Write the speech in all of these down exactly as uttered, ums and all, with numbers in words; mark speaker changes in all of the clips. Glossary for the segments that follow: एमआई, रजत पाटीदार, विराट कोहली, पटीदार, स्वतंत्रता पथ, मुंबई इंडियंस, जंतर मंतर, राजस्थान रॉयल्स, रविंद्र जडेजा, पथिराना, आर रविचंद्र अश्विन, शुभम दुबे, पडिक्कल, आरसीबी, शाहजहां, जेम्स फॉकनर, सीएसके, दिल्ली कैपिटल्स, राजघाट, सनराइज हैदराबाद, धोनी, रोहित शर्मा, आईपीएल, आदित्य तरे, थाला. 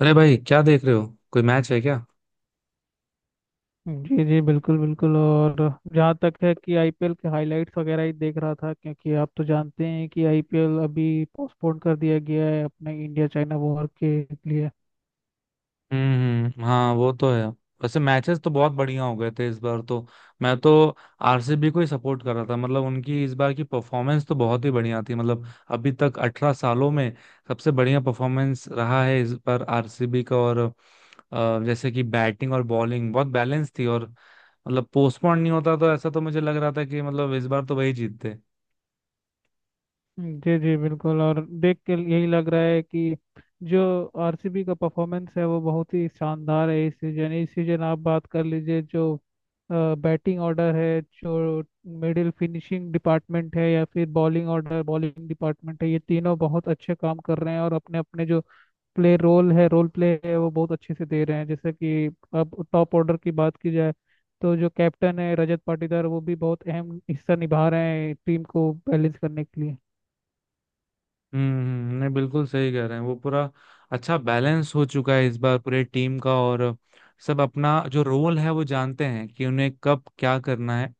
Speaker 1: अरे भाई, क्या देख रहे हो? कोई मैच है क्या?
Speaker 2: जी जी बिल्कुल बिल्कुल। और जहाँ तक है कि आई पी एल के हाइलाइट्स वगैरह ही देख रहा था क्योंकि आप तो जानते हैं कि आई पी एल अभी पोस्टपोन कर दिया गया है अपने इंडिया चाइना वॉर के लिए।
Speaker 1: हम्म, हाँ वो तो है। वैसे मैचेस तो बहुत बढ़िया हो गए थे इस बार तो। मैं तो आरसीबी को ही सपोर्ट कर रहा था, मतलब उनकी इस बार की परफॉर्मेंस तो बहुत ही बढ़िया थी। मतलब अभी तक अठारह सालों में सबसे बढ़िया परफॉर्मेंस रहा है इस बार आरसीबी का। और अ, जैसे कि बैटिंग और बॉलिंग बहुत बैलेंस थी। और मतलब पोस्टपोन नहीं होता तो ऐसा तो मुझे लग रहा था कि मतलब इस बार तो वही जीतते।
Speaker 2: जी जी बिल्कुल। और देख के यही लग रहा है कि जो आर सी बी का परफॉर्मेंस है वो बहुत ही शानदार है। इस सीजन इस सीजन आप बात कर लीजिए, जो बैटिंग ऑर्डर है, जो मिडिल फिनिशिंग डिपार्टमेंट है या फिर बॉलिंग ऑर्डर बॉलिंग डिपार्टमेंट है, ये तीनों बहुत अच्छे काम कर रहे हैं और अपने अपने जो प्ले रोल है रोल प्ले है वो बहुत अच्छे से दे रहे हैं। जैसे कि अब टॉप ऑर्डर की बात की जाए तो जो कैप्टन है रजत पाटीदार वो भी बहुत अहम हिस्सा निभा रहे हैं टीम को बैलेंस करने के लिए।
Speaker 1: हम्म, हम्म। नहीं, बिल्कुल सही कह रहे हैं। वो पूरा अच्छा बैलेंस हो चुका है इस बार पूरे टीम का। और सब अपना जो रोल है वो जानते हैं कि उन्हें कब क्या करना है।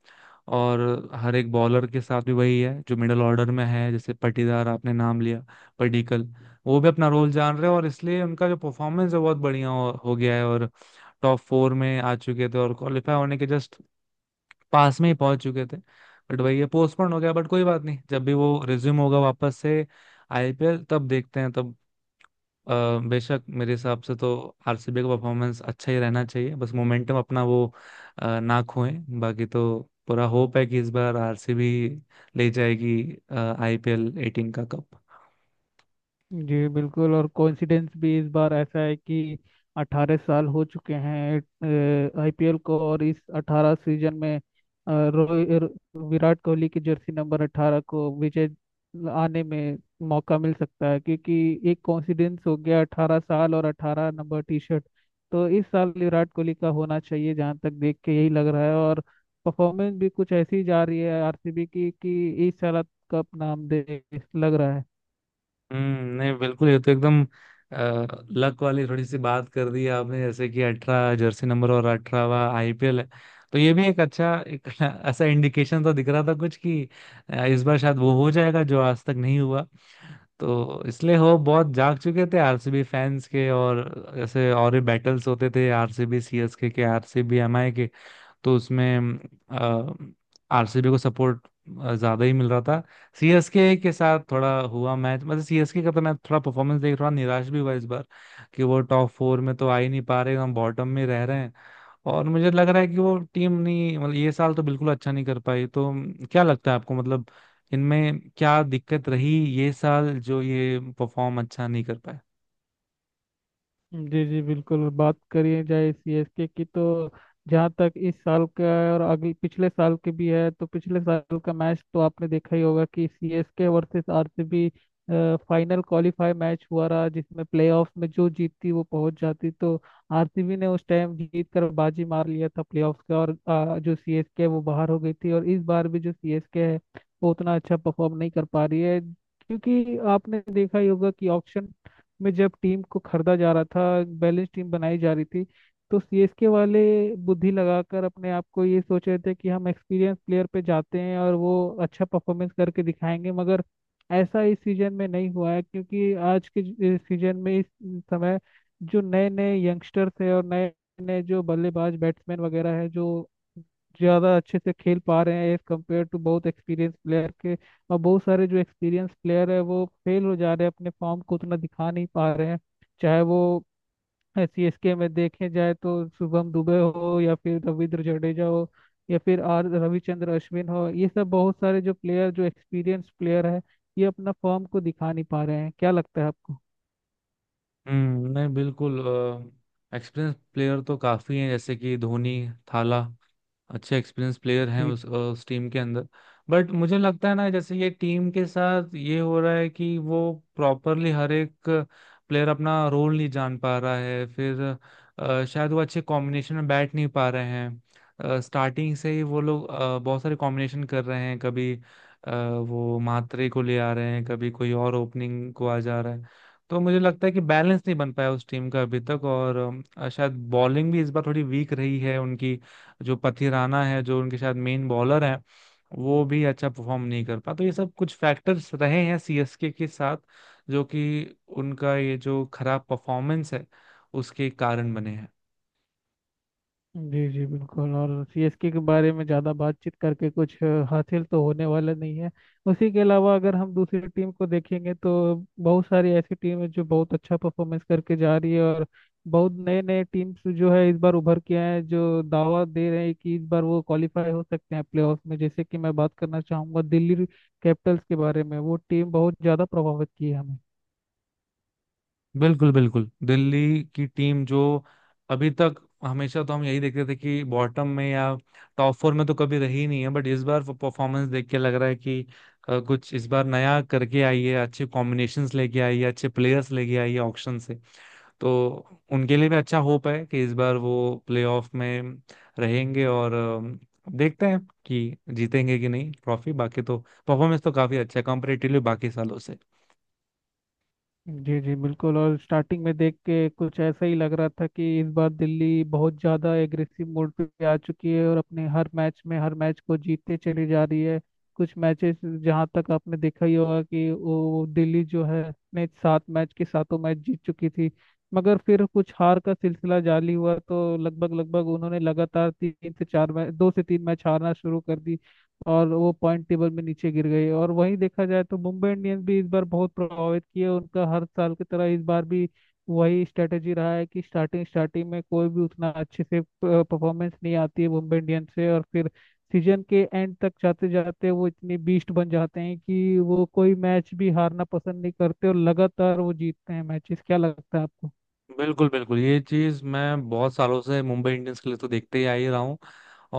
Speaker 1: और हर एक बॉलर के साथ भी वही है जो मिडिल ऑर्डर में है, जैसे पटीदार आपने नाम लिया, पडिक्कल, वो भी अपना रोल जान रहे हैं। और इसलिए उनका जो परफॉर्मेंस है बहुत बढ़िया हो, हो गया है। और टॉप फोर में आ चुके थे और क्वालिफाई होने के जस्ट पास में ही पहुंच चुके थे। बट वही है, पोस्टपोन हो गया। बट कोई बात नहीं, जब भी वो रिज्यूम होगा वापस से आईपीएल, तब देखते हैं तब। अ, बेशक मेरे हिसाब से तो आरसीबी का परफॉर्मेंस अच्छा ही रहना चाहिए। बस मोमेंटम अपना वो अ, ना खोएं। बाकी तो पूरा होप है कि इस बार आरसीबी ले जाएगी आईपीएल एटीन का कप।
Speaker 2: जी बिल्कुल। और कोइंसिडेंस भी इस बार ऐसा है कि अठारह साल हो चुके हैं आई पी एल को और इस अठारह सीजन में अ, रोहि- रो- विराट कोहली की जर्सी नंबर अठारह को विजय आने में मौका मिल सकता है, क्योंकि एक कोइंसिडेंस हो गया अठारह साल और अठारह नंबर टी शर्ट। तो इस साल विराट कोहली का होना चाहिए जहाँ तक देख के यही लग रहा है। और परफॉर्मेंस भी कुछ ऐसी जा रही है आरसीबी की कि इस साल कप नाम दे लग रहा है।
Speaker 1: हम्म, नहीं, बिल्कुल। ये तो एकदम लक वाली थोड़ी सी बात कर दी आपने, जैसे कि अठारह जर्सी नंबर और अठारहवा आईपीएल है। तो ये भी एक अच्छा एक ऐसा इंडिकेशन तो दिख रहा था कुछ कि अ, इस बार शायद वो हो जाएगा जो आज तक नहीं हुआ। तो इसलिए हो बहुत जाग चुके थे आरसीबी फैंस के। और ऐसे और भी बैटल्स होते थे, आरसीबी सीएसके के, आरसीबी एमआई के। तो उसमें आरसीबी को सपोर्ट ज्यादा ही मिल रहा था। सीएसके के साथ थोड़ा हुआ मैच, मतलब सीएसके का तो मैं थोड़ा परफॉर्मेंस देख थोड़ा निराश भी हुआ इस बार, कि वो टॉप फोर में तो आ ही नहीं पा रहे, हम बॉटम में रह रहे हैं। और मुझे लग रहा है कि वो टीम नहीं, मतलब ये साल तो बिल्कुल अच्छा नहीं कर पाई। तो क्या लगता है आपको, मतलब इनमें क्या दिक्कत रही, ये साल जो ये परफॉर्म अच्छा नहीं कर पाए?
Speaker 2: जी जी बिल्कुल। बात करिए जाए सी एस के की तो जहाँ तक इस साल का है और अगले पिछले साल के भी है तो पिछले साल का मैच तो आपने देखा ही होगा कि सी एस के versus R C B final qualify match हुआ रहा जिसमें प्लेऑफ में जो जीतती वो पहुंच जाती। तो आर सी बी ने उस टाइम जीत कर बाजी मार लिया था प्लेऑफ का और अ, जो सी एस के है वो बाहर हो गई थी। और इस बार भी जो सीएसके है वो उतना अच्छा परफॉर्म नहीं कर पा रही है क्योंकि आपने देखा ही होगा कि ऑक्शन में जब टीम को खरीदा जा रहा था बैलेंस टीम बनाई जा रही थी तो सी एस के वाले बुद्धि लगाकर अपने आप को ये सोच रहे थे कि हम एक्सपीरियंस प्लेयर पे जाते हैं और वो अच्छा परफॉर्मेंस करके दिखाएंगे। मगर ऐसा इस सीजन में नहीं हुआ है क्योंकि आज के ज- इस सीजन में इस समय जो नए नए यंगस्टर्स है और नए नए जो बल्लेबाज बैट्समैन वगैरह है जो ज़्यादा अच्छे से खेल पा रहे हैं एज कम्पेयर टू बहुत एक्सपीरियंस प्लेयर के। और बहुत सारे जो एक्सपीरियंस प्लेयर है वो फेल हो जा रहे हैं, अपने फॉर्म को उतना दिखा नहीं पा रहे हैं। चाहे वो सी एस के में देखे जाए तो शुभम दुबे हो या फिर रविंद्र जडेजा हो या फिर आर रविचंद्र अश्विन हो, ये सब बहुत सारे जो प्लेयर जो एक्सपीरियंस प्लेयर है ये अपना फॉर्म को दिखा नहीं पा रहे हैं। क्या लगता है आपको?
Speaker 1: हम्म, नहीं, बिल्कुल। एक्सपीरियंस प्लेयर तो काफी हैं, जैसे कि धोनी, थाला, अच्छे एक्सपीरियंस प्लेयर हैं
Speaker 2: जी
Speaker 1: उस उस टीम के अंदर। बट मुझे लगता है ना, जैसे ये टीम के साथ ये हो रहा है कि वो प्रॉपरली हर एक प्लेयर अपना रोल नहीं जान पा रहा है। फिर अ, शायद वो अच्छे कॉम्बिनेशन में बैठ नहीं पा रहे हैं, स्टार्टिंग से ही वो लोग अ, बहुत सारे कॉम्बिनेशन कर रहे हैं। कभी अ, वो मात्रे को ले आ रहे हैं, कभी कोई और ओपनिंग को आ जा रहा है। तो मुझे लगता है कि बैलेंस नहीं बन पाया उस टीम का अभी तक। और अ, शायद बॉलिंग भी इस बार थोड़ी वीक रही है उनकी। जो पथिराना है, जो उनके शायद मेन बॉलर हैं, वो भी अच्छा परफॉर्म नहीं कर पा। तो ये सब कुछ फैक्टर्स रहे हैं सीएसके के साथ, जो कि उनका ये जो खराब परफॉर्मेंस है उसके कारण बने हैं।
Speaker 2: जी। जी बिल्कुल। और सीएसके के बारे में ज़्यादा बातचीत करके कुछ अ, हासिल तो होने वाला नहीं है। उसी के अलावा अगर हम दूसरी टीम को देखेंगे तो बहुत सारी ऐसी टीम है जो बहुत अच्छा परफॉर्मेंस करके जा रही है। और बहुत नए नए टीम्स जो है इस बार उभर के आए हैं जो दावा दे रहे हैं कि इस बार वो क्वालिफाई हो सकते हैं प्लेऑफ में, जैसे कि मैं बात करना चाहूंगा दिल्ली कैपिटल्स के बारे में वो टीम बहुत ज़्यादा प्रभावित की है हमें।
Speaker 1: बिल्कुल, बिल्कुल। दिल्ली की टीम जो अभी तक, हमेशा तो हम यही देखते थे कि बॉटम में, या टॉप फोर में तो कभी रही नहीं है। बट इस बार परफॉर्मेंस देख के लग रहा है कि अ, कुछ इस बार नया करके आई है, अच्छे कॉम्बिनेशंस लेके आई है, अच्छे प्लेयर्स लेके आई है ऑक्शन से। तो उनके लिए भी अच्छा होप है कि इस बार वो प्लेऑफ में रहेंगे। और अम, देखते हैं कि जीतेंगे कि नहीं ट्रॉफी। बाकी तो परफॉर्मेंस तो काफी अच्छा है कंपेरेटिवली बाकी सालों से।
Speaker 2: जी जी बिल्कुल। और स्टार्टिंग में देख के कुछ ऐसा ही लग रहा था कि इस बार दिल्ली बहुत ज़्यादा एग्रेसिव मोड पे आ चुकी है और अपने हर मैच में हर मैच को जीतते चली जा रही है। कुछ मैचेस जहाँ तक आपने देखा ही होगा कि वो दिल्ली जो है अपने सात मैच के सातों मैच जीत चुकी थी, मगर फिर कुछ हार का सिलसिला जारी हुआ तो लगभग लगभग उन्होंने लगातार तीन से चार मैच दो से तीन मैच हारना शुरू कर दी और वो पॉइंट टेबल में नीचे गिर गई। और वहीं देखा जाए तो मुंबई इंडियंस भी इस बार बहुत प्रभावित किए, उनका हर साल की तरह इस बार भी वही स्ट्रेटेजी रहा है कि स्टार्टिंग स्टार्टिंग में कोई भी उतना अच्छे से परफॉर्मेंस नहीं आती है मुंबई इंडियंस से और फिर सीजन के एंड तक जाते जाते वो इतनी बीस्ट बन जाते हैं कि वो कोई मैच भी हारना पसंद नहीं करते और लगातार वो जीतते हैं मैचेस। क्या लगता है आपको?
Speaker 1: बिल्कुल, बिल्कुल। ये चीज मैं बहुत सालों से मुंबई इंडियंस के लिए तो देखते ही आ ही रहा हूँ।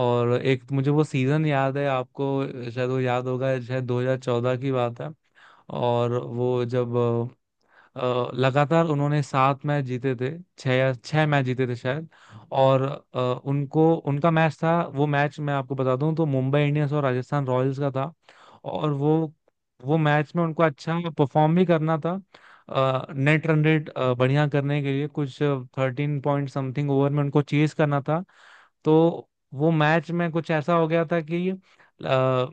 Speaker 1: और एक मुझे वो सीजन याद है, आपको शायद वो याद होगा, शायद दो हज़ार चौदह की बात है। और वो जब अ, लगातार उन्होंने सात मैच जीते थे, छह या छह मैच जीते थे शायद। और अ, उनको उनका मैच था, वो मैच मैं आपको बता दूं, तो मुंबई इंडियंस और राजस्थान रॉयल्स का था। और वो वो मैच में उनको अच्छा परफॉर्म भी करना था, नेट रन रेट बढ़िया करने के लिए, कुछ थर्टीन पॉइंट समथिंग ओवर में उनको चेज करना था। तो वो मैच में कुछ ऐसा हो गया था कि अ,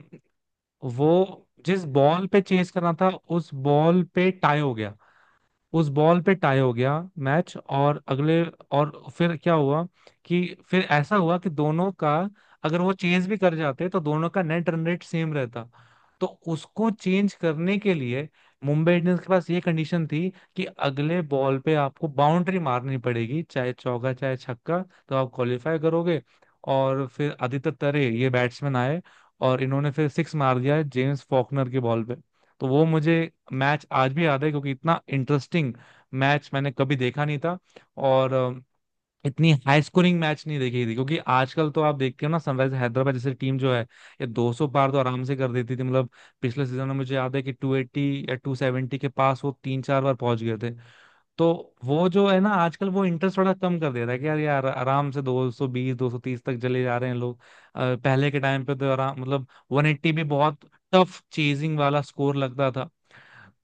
Speaker 1: वो जिस बॉल पे चेज करना था, उस बॉल पे टाई हो गया, उस बॉल पे टाई हो गया मैच। और अगले, और फिर क्या हुआ कि, फिर ऐसा हुआ कि दोनों का, अगर वो चेंज भी कर जाते तो दोनों का नेट रन रेट सेम रहता। तो उसको चेंज करने के लिए मुंबई इंडियंस के पास ये कंडीशन थी कि अगले बॉल पे आपको बाउंड्री मारनी पड़ेगी, चाहे चौका चाहे छक्का, तो आप क्वालिफाई करोगे। और फिर आदित्य तरे ये बैट्समैन आए और इन्होंने फिर सिक्स मार दिया जेम्स फॉकनर के बॉल पे। तो वो मुझे मैच आज भी याद है, क्योंकि इतना इंटरेस्टिंग मैच मैंने कभी देखा नहीं था। और अ, इतनी हाई स्कोरिंग मैच नहीं देखी थी, क्योंकि आजकल तो आप देखते हो ना, सनराइज हैदराबाद जैसे टीम जो है, ये दो सौ पार तो आराम से कर देती थी। मतलब पिछले सीजन में मुझे याद है कि टू एटी या टू सेवेंटी के पास वो तीन चार बार पहुंच गए थे। तो वो जो है ना, आजकल वो इंटरेस्ट थोड़ा कम कर दे रहा है कि यार यार आराम से दो सौ बीस दो सौ तीस तक चले जा रहे हैं लोग। अ, पहले के टाइम पे तो आराम, मतलब वन एटी भी बहुत टफ चेजिंग वाला स्कोर लगता था।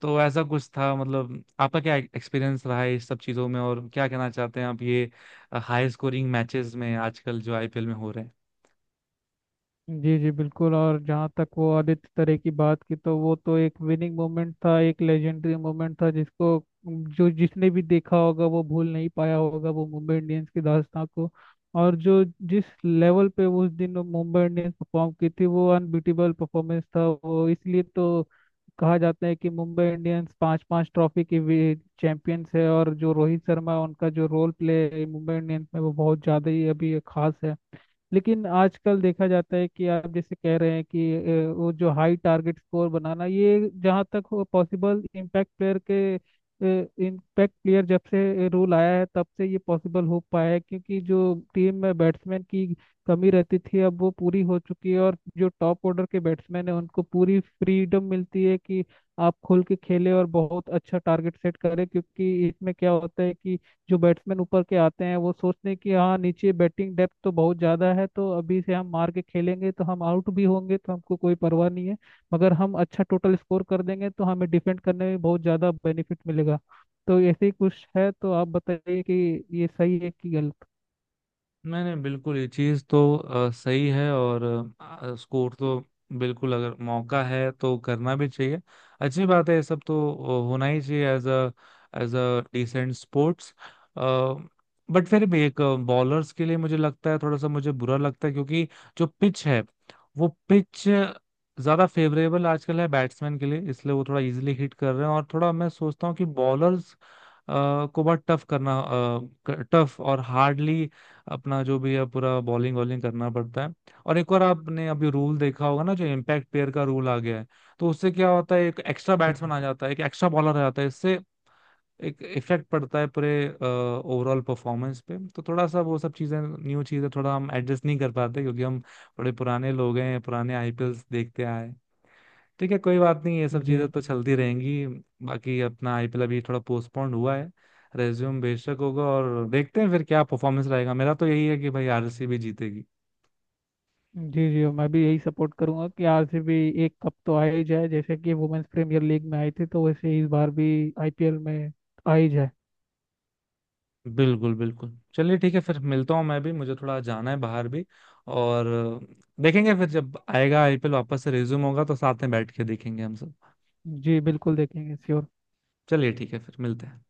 Speaker 1: तो ऐसा कुछ था, मतलब आपका क्या एक्सपीरियंस रहा है इस सब चीज़ों में, और क्या कहना चाहते हैं आप ये हाई स्कोरिंग मैचेस में आजकल जो आईपीएल में हो रहे हैं?
Speaker 2: जी जी बिल्कुल। और जहाँ तक वो आदित्य तरे की बात की तो वो तो एक विनिंग मोमेंट था, एक लेजेंडरी मोमेंट था जिसको जो जिसने भी देखा होगा वो भूल नहीं पाया होगा वो मुंबई इंडियंस की दास्तां को। और जो जिस लेवल पे उस दिन मुंबई इंडियंस परफॉर्म की थी वो अनबीटेबल परफॉर्मेंस था वो, इसलिए तो कहा जाता है कि मुंबई इंडियंस पांच पांच ट्रॉफी की चैंपियंस है। और जो रोहित शर्मा उनका जो रोल प्ले मुंबई इंडियंस में वो बहुत ज़्यादा ही अभी खास है। लेकिन आजकल देखा जाता है कि आप जैसे कह रहे हैं कि अ, वो जो हाई टारगेट स्कोर बनाना ये जहाँ तक हो पॉसिबल इम्पैक्ट प्लेयर के, इम्पैक्ट प्लेयर जब से रूल आया है तब से ये पॉसिबल हो पाया है क्योंकि जो टीम में बैट्समैन की कमी रहती थी अब वो पूरी हो चुकी है और जो टॉप ऑर्डर के बैट्समैन है उनको पूरी फ्रीडम मिलती है कि आप खुल के खेले और बहुत अच्छा टारगेट सेट करें। क्योंकि इसमें क्या होता है कि जो बैट्समैन ऊपर के आते हैं वो सोचते हैं कि हाँ नीचे बैटिंग डेप्थ तो बहुत ज़्यादा है, तो अभी से हम मार के खेलेंगे तो हम आउट भी होंगे तो हमको कोई परवाह नहीं है, मगर हम अच्छा टोटल स्कोर कर देंगे तो हमें डिफेंड करने में बहुत ज़्यादा बेनिफिट मिलेगा। तो ऐसे ही कुछ है। तो आप बताइए कि ये सही है कि गलत?
Speaker 1: नहीं, नहीं, बिल्कुल। ये चीज़ तो अ, सही है। और अ, स्कोर तो बिल्कुल, अगर मौका है तो करना भी चाहिए, अच्छी बात है। ये सब तो अ, होना ही चाहिए, as a, as a decent sports. But फिर भी एक बॉलर्स के लिए मुझे लगता है थोड़ा सा मुझे बुरा लगता है, क्योंकि जो पिच है वो पिच ज़्यादा फेवरेबल आजकल है बैट्समैन के लिए, इसलिए वो थोड़ा इजीली हिट कर रहे हैं। और थोड़ा मैं सोचता हूँ कि बॉलर्स को बहुत टफ करना, टफ और हार्डली अपना जो भी है पूरा बॉलिंग वॉलिंग करना पड़ता है। और एक और आपने अभी रूल देखा होगा ना, जो इम्पैक्ट प्लेयर का रूल आ गया है। तो उससे क्या होता है, एक एक्स्ट्रा
Speaker 2: जी
Speaker 1: बैट्समैन आ जाता है, एक एक्स्ट्रा बॉलर आ जाता है, इससे एक इफेक्ट पड़ता है पूरे ओवरऑल परफॉर्मेंस पे। तो थोड़ा सा वो सब चीजें, न्यू चीजें थोड़ा हम एडजस्ट नहीं कर पाते, क्योंकि हम थोड़े पुराने लोग हैं, पुराने आईपीएल देखते आए। ठीक है, कोई बात नहीं, ये सब
Speaker 2: जी।
Speaker 1: चीज़ें तो चलती रहेंगी। बाकी अपना आईपीएल अभी थोड़ा पोस्टपोन्ड हुआ है, रेज्यूम बेशक होगा, और देखते हैं फिर क्या परफॉर्मेंस रहेगा। मेरा तो यही है कि भाई आरसीबी जीतेगी।
Speaker 2: जी जी मैं भी यही सपोर्ट करूंगा कि आर सी बी एक कप तो आ ही जाए जैसे कि वुमेन्स प्रीमियर लीग में आई थी तो वैसे ही इस बार भी आई पी एल में आ ही जाए।
Speaker 1: बिल्कुल, बिल्कुल। चलिए ठीक है, फिर मिलता हूँ, मैं भी मुझे थोड़ा जाना है बाहर भी। और देखेंगे फिर, जब आएगा आईपीएल वापस से, रेज्यूम होगा तो साथ में बैठ के देखेंगे हम सब।
Speaker 2: जी बिल्कुल, देखेंगे, श्योर।
Speaker 1: चलिए ठीक है, फिर मिलते हैं।